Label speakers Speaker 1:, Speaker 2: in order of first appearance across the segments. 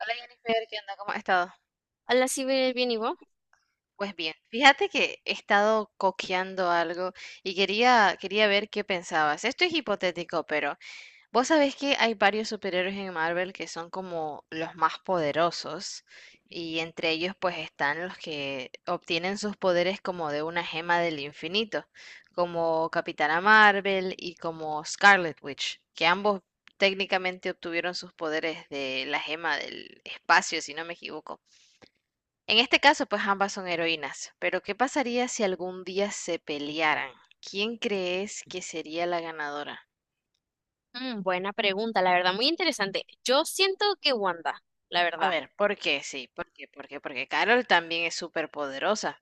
Speaker 1: Hola Jennifer, ¿qué onda? ¿Cómo has estado?
Speaker 2: Hola, sí, bien, bien, ¿y vos?
Speaker 1: Pues bien, fíjate que he estado coqueando algo y quería ver qué pensabas. Esto es hipotético, pero vos sabés que hay varios superhéroes en Marvel que son como los más poderosos y entre ellos pues están los que obtienen sus poderes como de una gema del infinito, como Capitana Marvel y como Scarlet Witch, que ambos técnicamente obtuvieron sus poderes de la gema del espacio, si no me equivoco. En este caso, pues ambas son heroínas, pero ¿qué pasaría si algún día se pelearan? ¿Quién crees que sería la ganadora?
Speaker 2: Buena pregunta, la verdad, muy interesante. Yo siento que Wanda, la
Speaker 1: A
Speaker 2: verdad.
Speaker 1: ver, ¿por qué? Sí, ¿por qué? ¿Por qué? Porque Carol también es súper poderosa.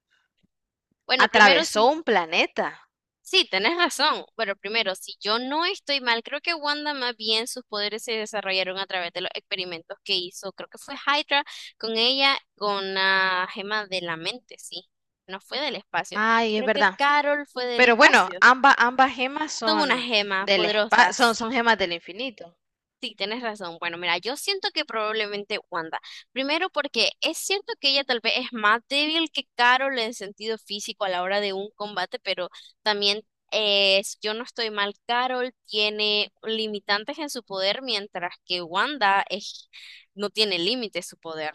Speaker 2: Bueno, primero
Speaker 1: Atravesó
Speaker 2: sí,
Speaker 1: un planeta.
Speaker 2: sí, tenés razón. Bueno, primero, si yo no estoy mal, creo que Wanda más bien sus poderes se desarrollaron a través de los experimentos que hizo, creo que fue Hydra con ella, con la gema de la mente, sí. No fue del espacio. Y
Speaker 1: Ay, es
Speaker 2: creo que
Speaker 1: verdad.
Speaker 2: Carol fue del
Speaker 1: Pero bueno,
Speaker 2: espacio.
Speaker 1: ambas gemas
Speaker 2: Son unas
Speaker 1: son
Speaker 2: gemas poderosas. Sí.
Speaker 1: gemas del infinito.
Speaker 2: Sí, tienes razón. Bueno, mira, yo siento que probablemente Wanda. Primero porque es cierto que ella tal vez es más débil que Carol en sentido físico a la hora de un combate, pero también si yo no estoy mal, Carol tiene limitantes en su poder, mientras que Wanda es, no tiene límite su poder.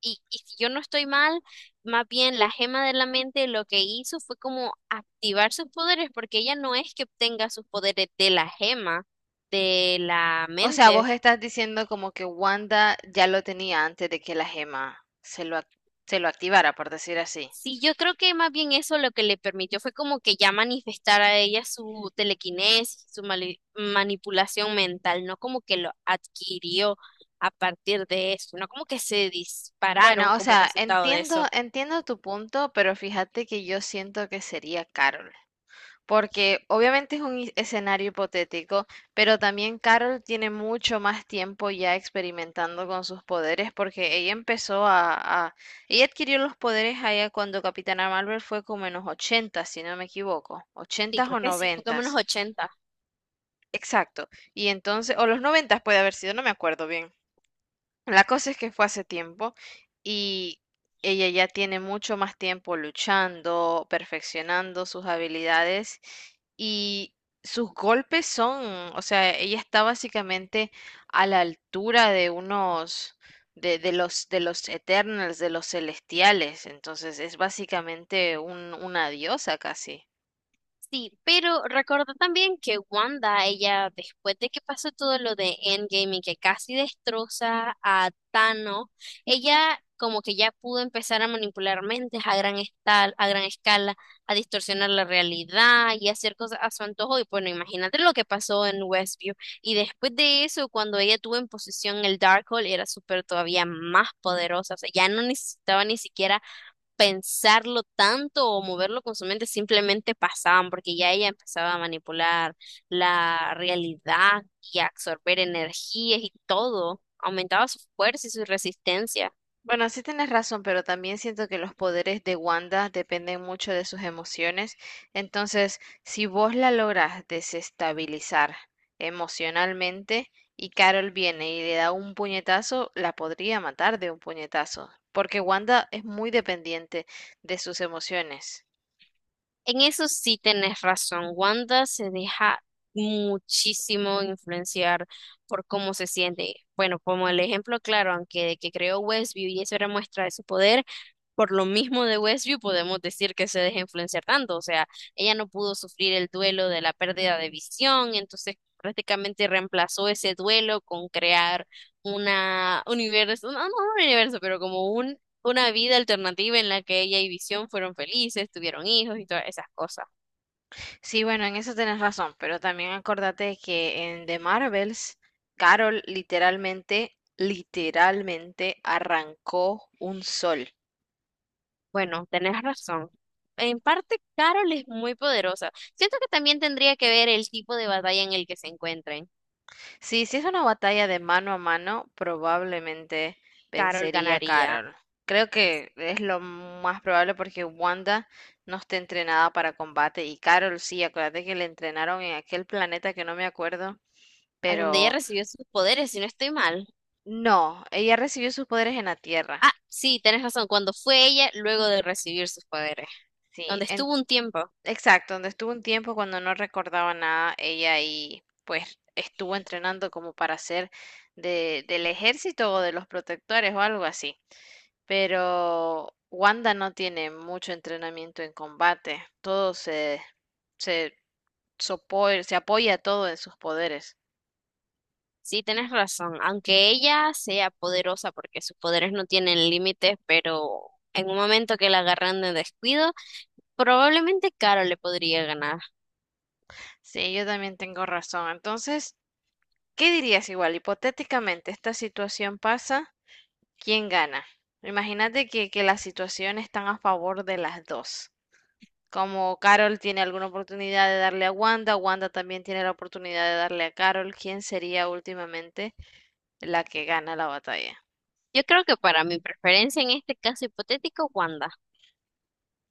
Speaker 2: Y si yo no estoy mal, más bien la gema de la mente lo que hizo fue como activar sus poderes, porque ella no es que obtenga sus poderes de la gema de la
Speaker 1: O sea,
Speaker 2: mente.
Speaker 1: vos estás diciendo como que Wanda ya lo tenía antes de que la gema se lo activara, por decir así.
Speaker 2: Sí, yo creo que más bien eso lo que le permitió fue como que ya manifestar a ella su telequinesis, su manipulación mental, no como que lo adquirió a partir de eso, no como que se dispararon
Speaker 1: Bueno, o
Speaker 2: como
Speaker 1: sea,
Speaker 2: resultado de
Speaker 1: entiendo,
Speaker 2: eso.
Speaker 1: entiendo tu punto, pero fíjate que yo siento que sería Carol, porque obviamente es un escenario hipotético, pero también Carol tiene mucho más tiempo ya experimentando con sus poderes, porque ella empezó ella adquirió los poderes allá cuando Capitana Marvel fue como en los 80, si no me equivoco,
Speaker 2: Sí,
Speaker 1: ochentas
Speaker 2: creo
Speaker 1: o
Speaker 2: que sí, fue como en
Speaker 1: noventas,
Speaker 2: ochenta.
Speaker 1: exacto, y entonces, o los noventas puede haber sido, no me acuerdo bien. La cosa es que fue hace tiempo y ella ya tiene mucho más tiempo luchando, perfeccionando sus habilidades y sus golpes son, o sea, ella está básicamente a la altura de unos de los Eternals, de los celestiales, entonces es básicamente una diosa casi.
Speaker 2: Sí, pero recordá también que Wanda, ella, después de que pasó todo lo de Endgame y que casi destroza a Thanos, ella como que ya pudo empezar a manipular mentes a gran escala, a distorsionar la realidad y hacer cosas a su antojo. Y bueno, imagínate lo que pasó en Westview. Y después de eso, cuando ella tuvo en posesión el Darkhold, era súper todavía más poderosa. O sea, ya no necesitaba ni siquiera pensarlo tanto o moverlo con su mente, simplemente pasaban, porque ya ella empezaba a manipular la realidad y a absorber energías y todo, aumentaba su fuerza y su resistencia.
Speaker 1: Bueno, sí tienes razón, pero también siento que los poderes de Wanda dependen mucho de sus emociones. Entonces, si vos la logras desestabilizar emocionalmente y Carol viene y le da un puñetazo, la podría matar de un puñetazo, porque Wanda es muy dependiente de sus emociones.
Speaker 2: En eso sí tenés razón. Wanda se deja muchísimo influenciar por cómo se siente. Bueno, como el ejemplo claro, aunque de que creó Westview y eso era muestra de su poder, por lo mismo de Westview podemos decir que se deja influenciar tanto. O sea, ella no pudo sufrir el duelo de la pérdida de visión, entonces prácticamente reemplazó ese duelo con crear una universo, no, no un universo, pero como una vida alternativa en la que ella y Visión fueron felices, tuvieron hijos y todas esas cosas.
Speaker 1: Sí, bueno, en eso tienes razón, pero también acordate que en The Marvels, Carol literalmente arrancó un sol.
Speaker 2: Bueno, tenés razón. En parte, Carol es muy poderosa. Siento que también tendría que ver el tipo de batalla en el que se encuentren.
Speaker 1: Sí, si es una batalla de mano a mano, probablemente
Speaker 2: Carol
Speaker 1: vencería
Speaker 2: ganaría,
Speaker 1: Carol. Creo que es lo más probable porque Wanda no está entrenada para combate y Carol sí, acuérdate que le entrenaron en aquel planeta que no me acuerdo,
Speaker 2: a donde ella
Speaker 1: pero
Speaker 2: recibió sus poderes, si no estoy mal.
Speaker 1: no, ella recibió sus poderes en la Tierra.
Speaker 2: Ah, sí, tenés razón, cuando fue ella luego de recibir sus poderes,
Speaker 1: Sí,
Speaker 2: donde estuvo un tiempo.
Speaker 1: exacto, donde estuvo un tiempo cuando no recordaba nada, ella y pues estuvo entrenando como para ser de, del ejército o de los protectores o algo así. Pero Wanda no tiene mucho entrenamiento en combate. Todo se, se apoya todo en sus poderes.
Speaker 2: Sí, tenés razón, aunque ella sea poderosa porque sus poderes no tienen límites, pero en un momento que la agarran de descuido, probablemente Caro le podría ganar.
Speaker 1: Sí, yo también tengo razón. Entonces, ¿qué dirías igual? Hipotéticamente, esta situación pasa, ¿quién gana? Imagínate que las situaciones están a favor de las dos. Como Carol tiene alguna oportunidad de darle a Wanda, Wanda también tiene la oportunidad de darle a Carol. ¿Quién sería últimamente la que gana la batalla?
Speaker 2: Yo creo que para mi preferencia en este caso hipotético, Wanda.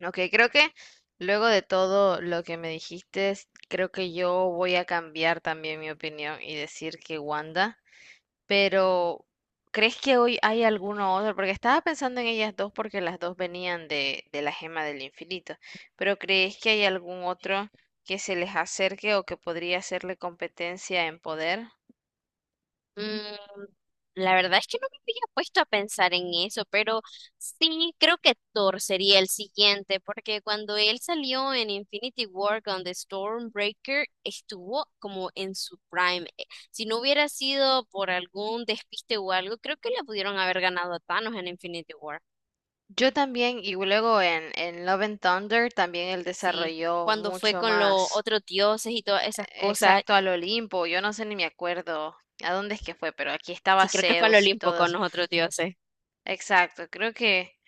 Speaker 1: Ok, creo que luego de todo lo que me dijiste, s- creo que yo voy a cambiar también mi opinión y decir que Wanda, pero ¿crees que hoy hay alguno otro? Porque estaba pensando en ellas dos porque las dos venían de la gema del infinito, pero ¿crees que hay algún otro que se les acerque o que podría hacerle competencia en poder?
Speaker 2: Mm, la verdad es que no me había puesto a pensar en eso, pero sí creo que Thor sería el siguiente, porque cuando él salió en Infinity War con The Stormbreaker, estuvo como en su prime. Si no hubiera sido por algún despiste o algo, creo que le pudieron haber ganado a Thanos en Infinity War.
Speaker 1: Yo también, y luego en Love and Thunder también él
Speaker 2: Sí,
Speaker 1: desarrolló
Speaker 2: cuando fue
Speaker 1: mucho
Speaker 2: con los
Speaker 1: más.
Speaker 2: otros dioses y todas esas cosas.
Speaker 1: Exacto, al Olimpo, yo no sé ni me acuerdo a dónde es que fue, pero aquí estaba
Speaker 2: Sí, creo que fue el
Speaker 1: Zeus y
Speaker 2: Olimpo
Speaker 1: todo
Speaker 2: con
Speaker 1: eso.
Speaker 2: los otros dioses.
Speaker 1: Exacto, creo que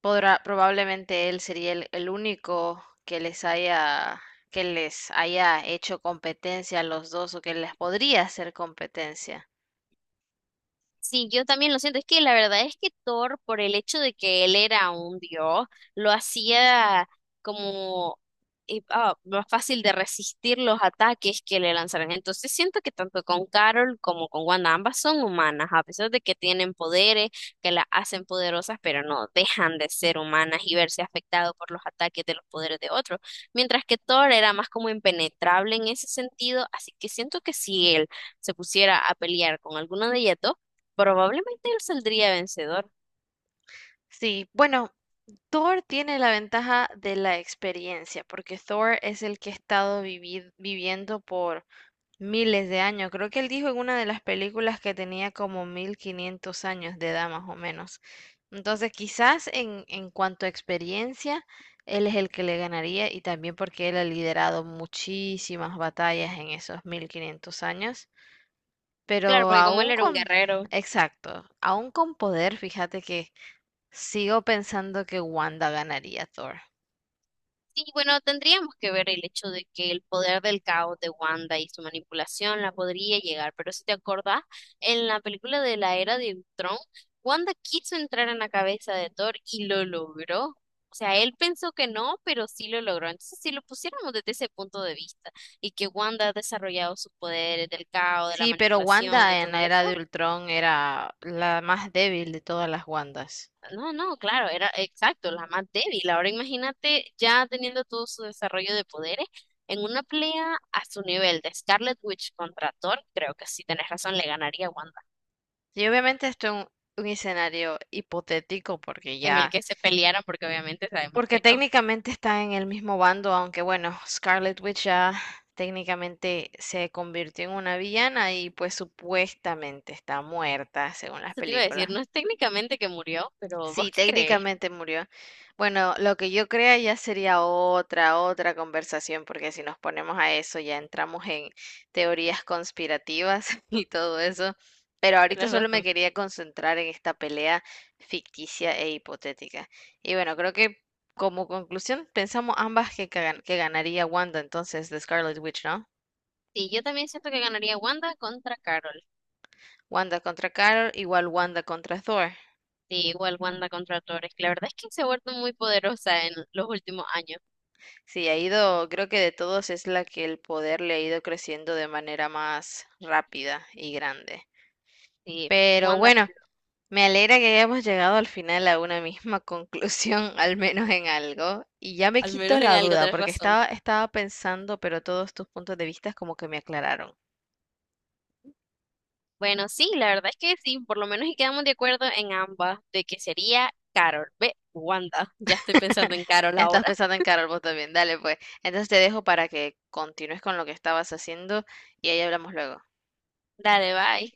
Speaker 1: podrá, probablemente él sería el único que les haya, hecho competencia a los dos o que les podría hacer competencia.
Speaker 2: Sí, yo también lo siento. Es que la verdad es que Thor, por el hecho de que él era un dios, lo hacía como más fácil de resistir los ataques que le lanzaran. Entonces siento que tanto con Carol como con Wanda, ambas son humanas, a pesar de que tienen poderes que las hacen poderosas, pero no dejan de ser humanas y verse afectado por los ataques de los poderes de otros. Mientras que Thor era más como impenetrable en ese sentido, así que siento que si él se pusiera a pelear con alguno de ellas dos, probablemente él saldría vencedor.
Speaker 1: Sí, bueno, Thor tiene la ventaja de la experiencia, porque Thor es el que ha estado viviendo por miles de años. Creo que él dijo en una de las películas que tenía como 1.500 años de edad más o menos. Entonces, quizás en cuanto a experiencia, él es el que le ganaría y también porque él ha liderado muchísimas batallas en esos 1.500 años.
Speaker 2: Claro,
Speaker 1: Pero
Speaker 2: porque como él
Speaker 1: aún
Speaker 2: era un
Speaker 1: con,
Speaker 2: guerrero.
Speaker 1: exacto, aún con poder, fíjate que sigo pensando que Wanda ganaría a Thor.
Speaker 2: Sí, bueno, tendríamos que ver el hecho de que el poder del caos de Wanda y su manipulación la podría llegar, pero si te acordás, en la película de la Era de Ultron, Wanda quiso entrar en la cabeza de Thor y lo logró. O sea, él pensó que no, pero sí lo logró. Entonces, si lo pusiéramos desde ese punto de vista y que Wanda ha desarrollado sus poderes del caos, de la
Speaker 1: Sí, pero
Speaker 2: manipulación y
Speaker 1: Wanda en
Speaker 2: todo
Speaker 1: la era de
Speaker 2: eso.
Speaker 1: Ultron era la más débil de todas las Wandas.
Speaker 2: No, no, claro, era exacto, la más débil. Ahora imagínate ya teniendo todo su desarrollo de poderes en una pelea a su nivel de Scarlet Witch contra Thor, creo que sí tenés razón, le ganaría a Wanda,
Speaker 1: Y obviamente esto es un escenario hipotético porque
Speaker 2: en el
Speaker 1: ya,
Speaker 2: que se pelearan porque obviamente sabemos
Speaker 1: porque
Speaker 2: que no.
Speaker 1: técnicamente está en el mismo bando, aunque bueno, Scarlet Witch ya técnicamente se convirtió en una villana y pues supuestamente está muerta según las
Speaker 2: Eso te iba a decir,
Speaker 1: películas.
Speaker 2: no es técnicamente que murió, pero vos
Speaker 1: Sí,
Speaker 2: qué crees,
Speaker 1: técnicamente murió. Bueno, lo que yo crea ya sería otra conversación, porque si nos ponemos a eso ya entramos en teorías conspirativas y todo eso. Pero ahorita
Speaker 2: tenés
Speaker 1: solo me
Speaker 2: razón.
Speaker 1: quería concentrar en esta pelea ficticia e hipotética. Y bueno, creo que como conclusión pensamos ambas que que ganaría Wanda entonces de Scarlet Witch, ¿no?
Speaker 2: Sí, yo también siento que ganaría Wanda contra Carol.
Speaker 1: Wanda contra Carol igual Wanda contra Thor.
Speaker 2: Sí, igual Wanda contra Thor. Es que la verdad es que se ha vuelto muy poderosa en los últimos años.
Speaker 1: Sí, ha ido, creo que de todos es la que el poder le ha ido creciendo de manera más rápida y grande.
Speaker 2: Sí,
Speaker 1: Pero
Speaker 2: Wanda,
Speaker 1: bueno, me alegra que hayamos llegado al final a una misma conclusión, al menos en algo. Y ya me
Speaker 2: al
Speaker 1: quito
Speaker 2: menos en
Speaker 1: la
Speaker 2: algo
Speaker 1: duda,
Speaker 2: tenés
Speaker 1: porque
Speaker 2: razón.
Speaker 1: estaba pensando, pero todos tus puntos de vista como que me aclararon.
Speaker 2: Bueno, sí, la verdad es que sí, por lo menos y quedamos de acuerdo en ambas, de que sería Carol. Ve, Wanda, ya estoy pensando en Carol
Speaker 1: Ya estás
Speaker 2: ahora.
Speaker 1: pensando en Carol vos también. Dale, pues. Entonces te dejo para que continúes con lo que estabas haciendo y ahí hablamos luego.
Speaker 2: Dale, bye.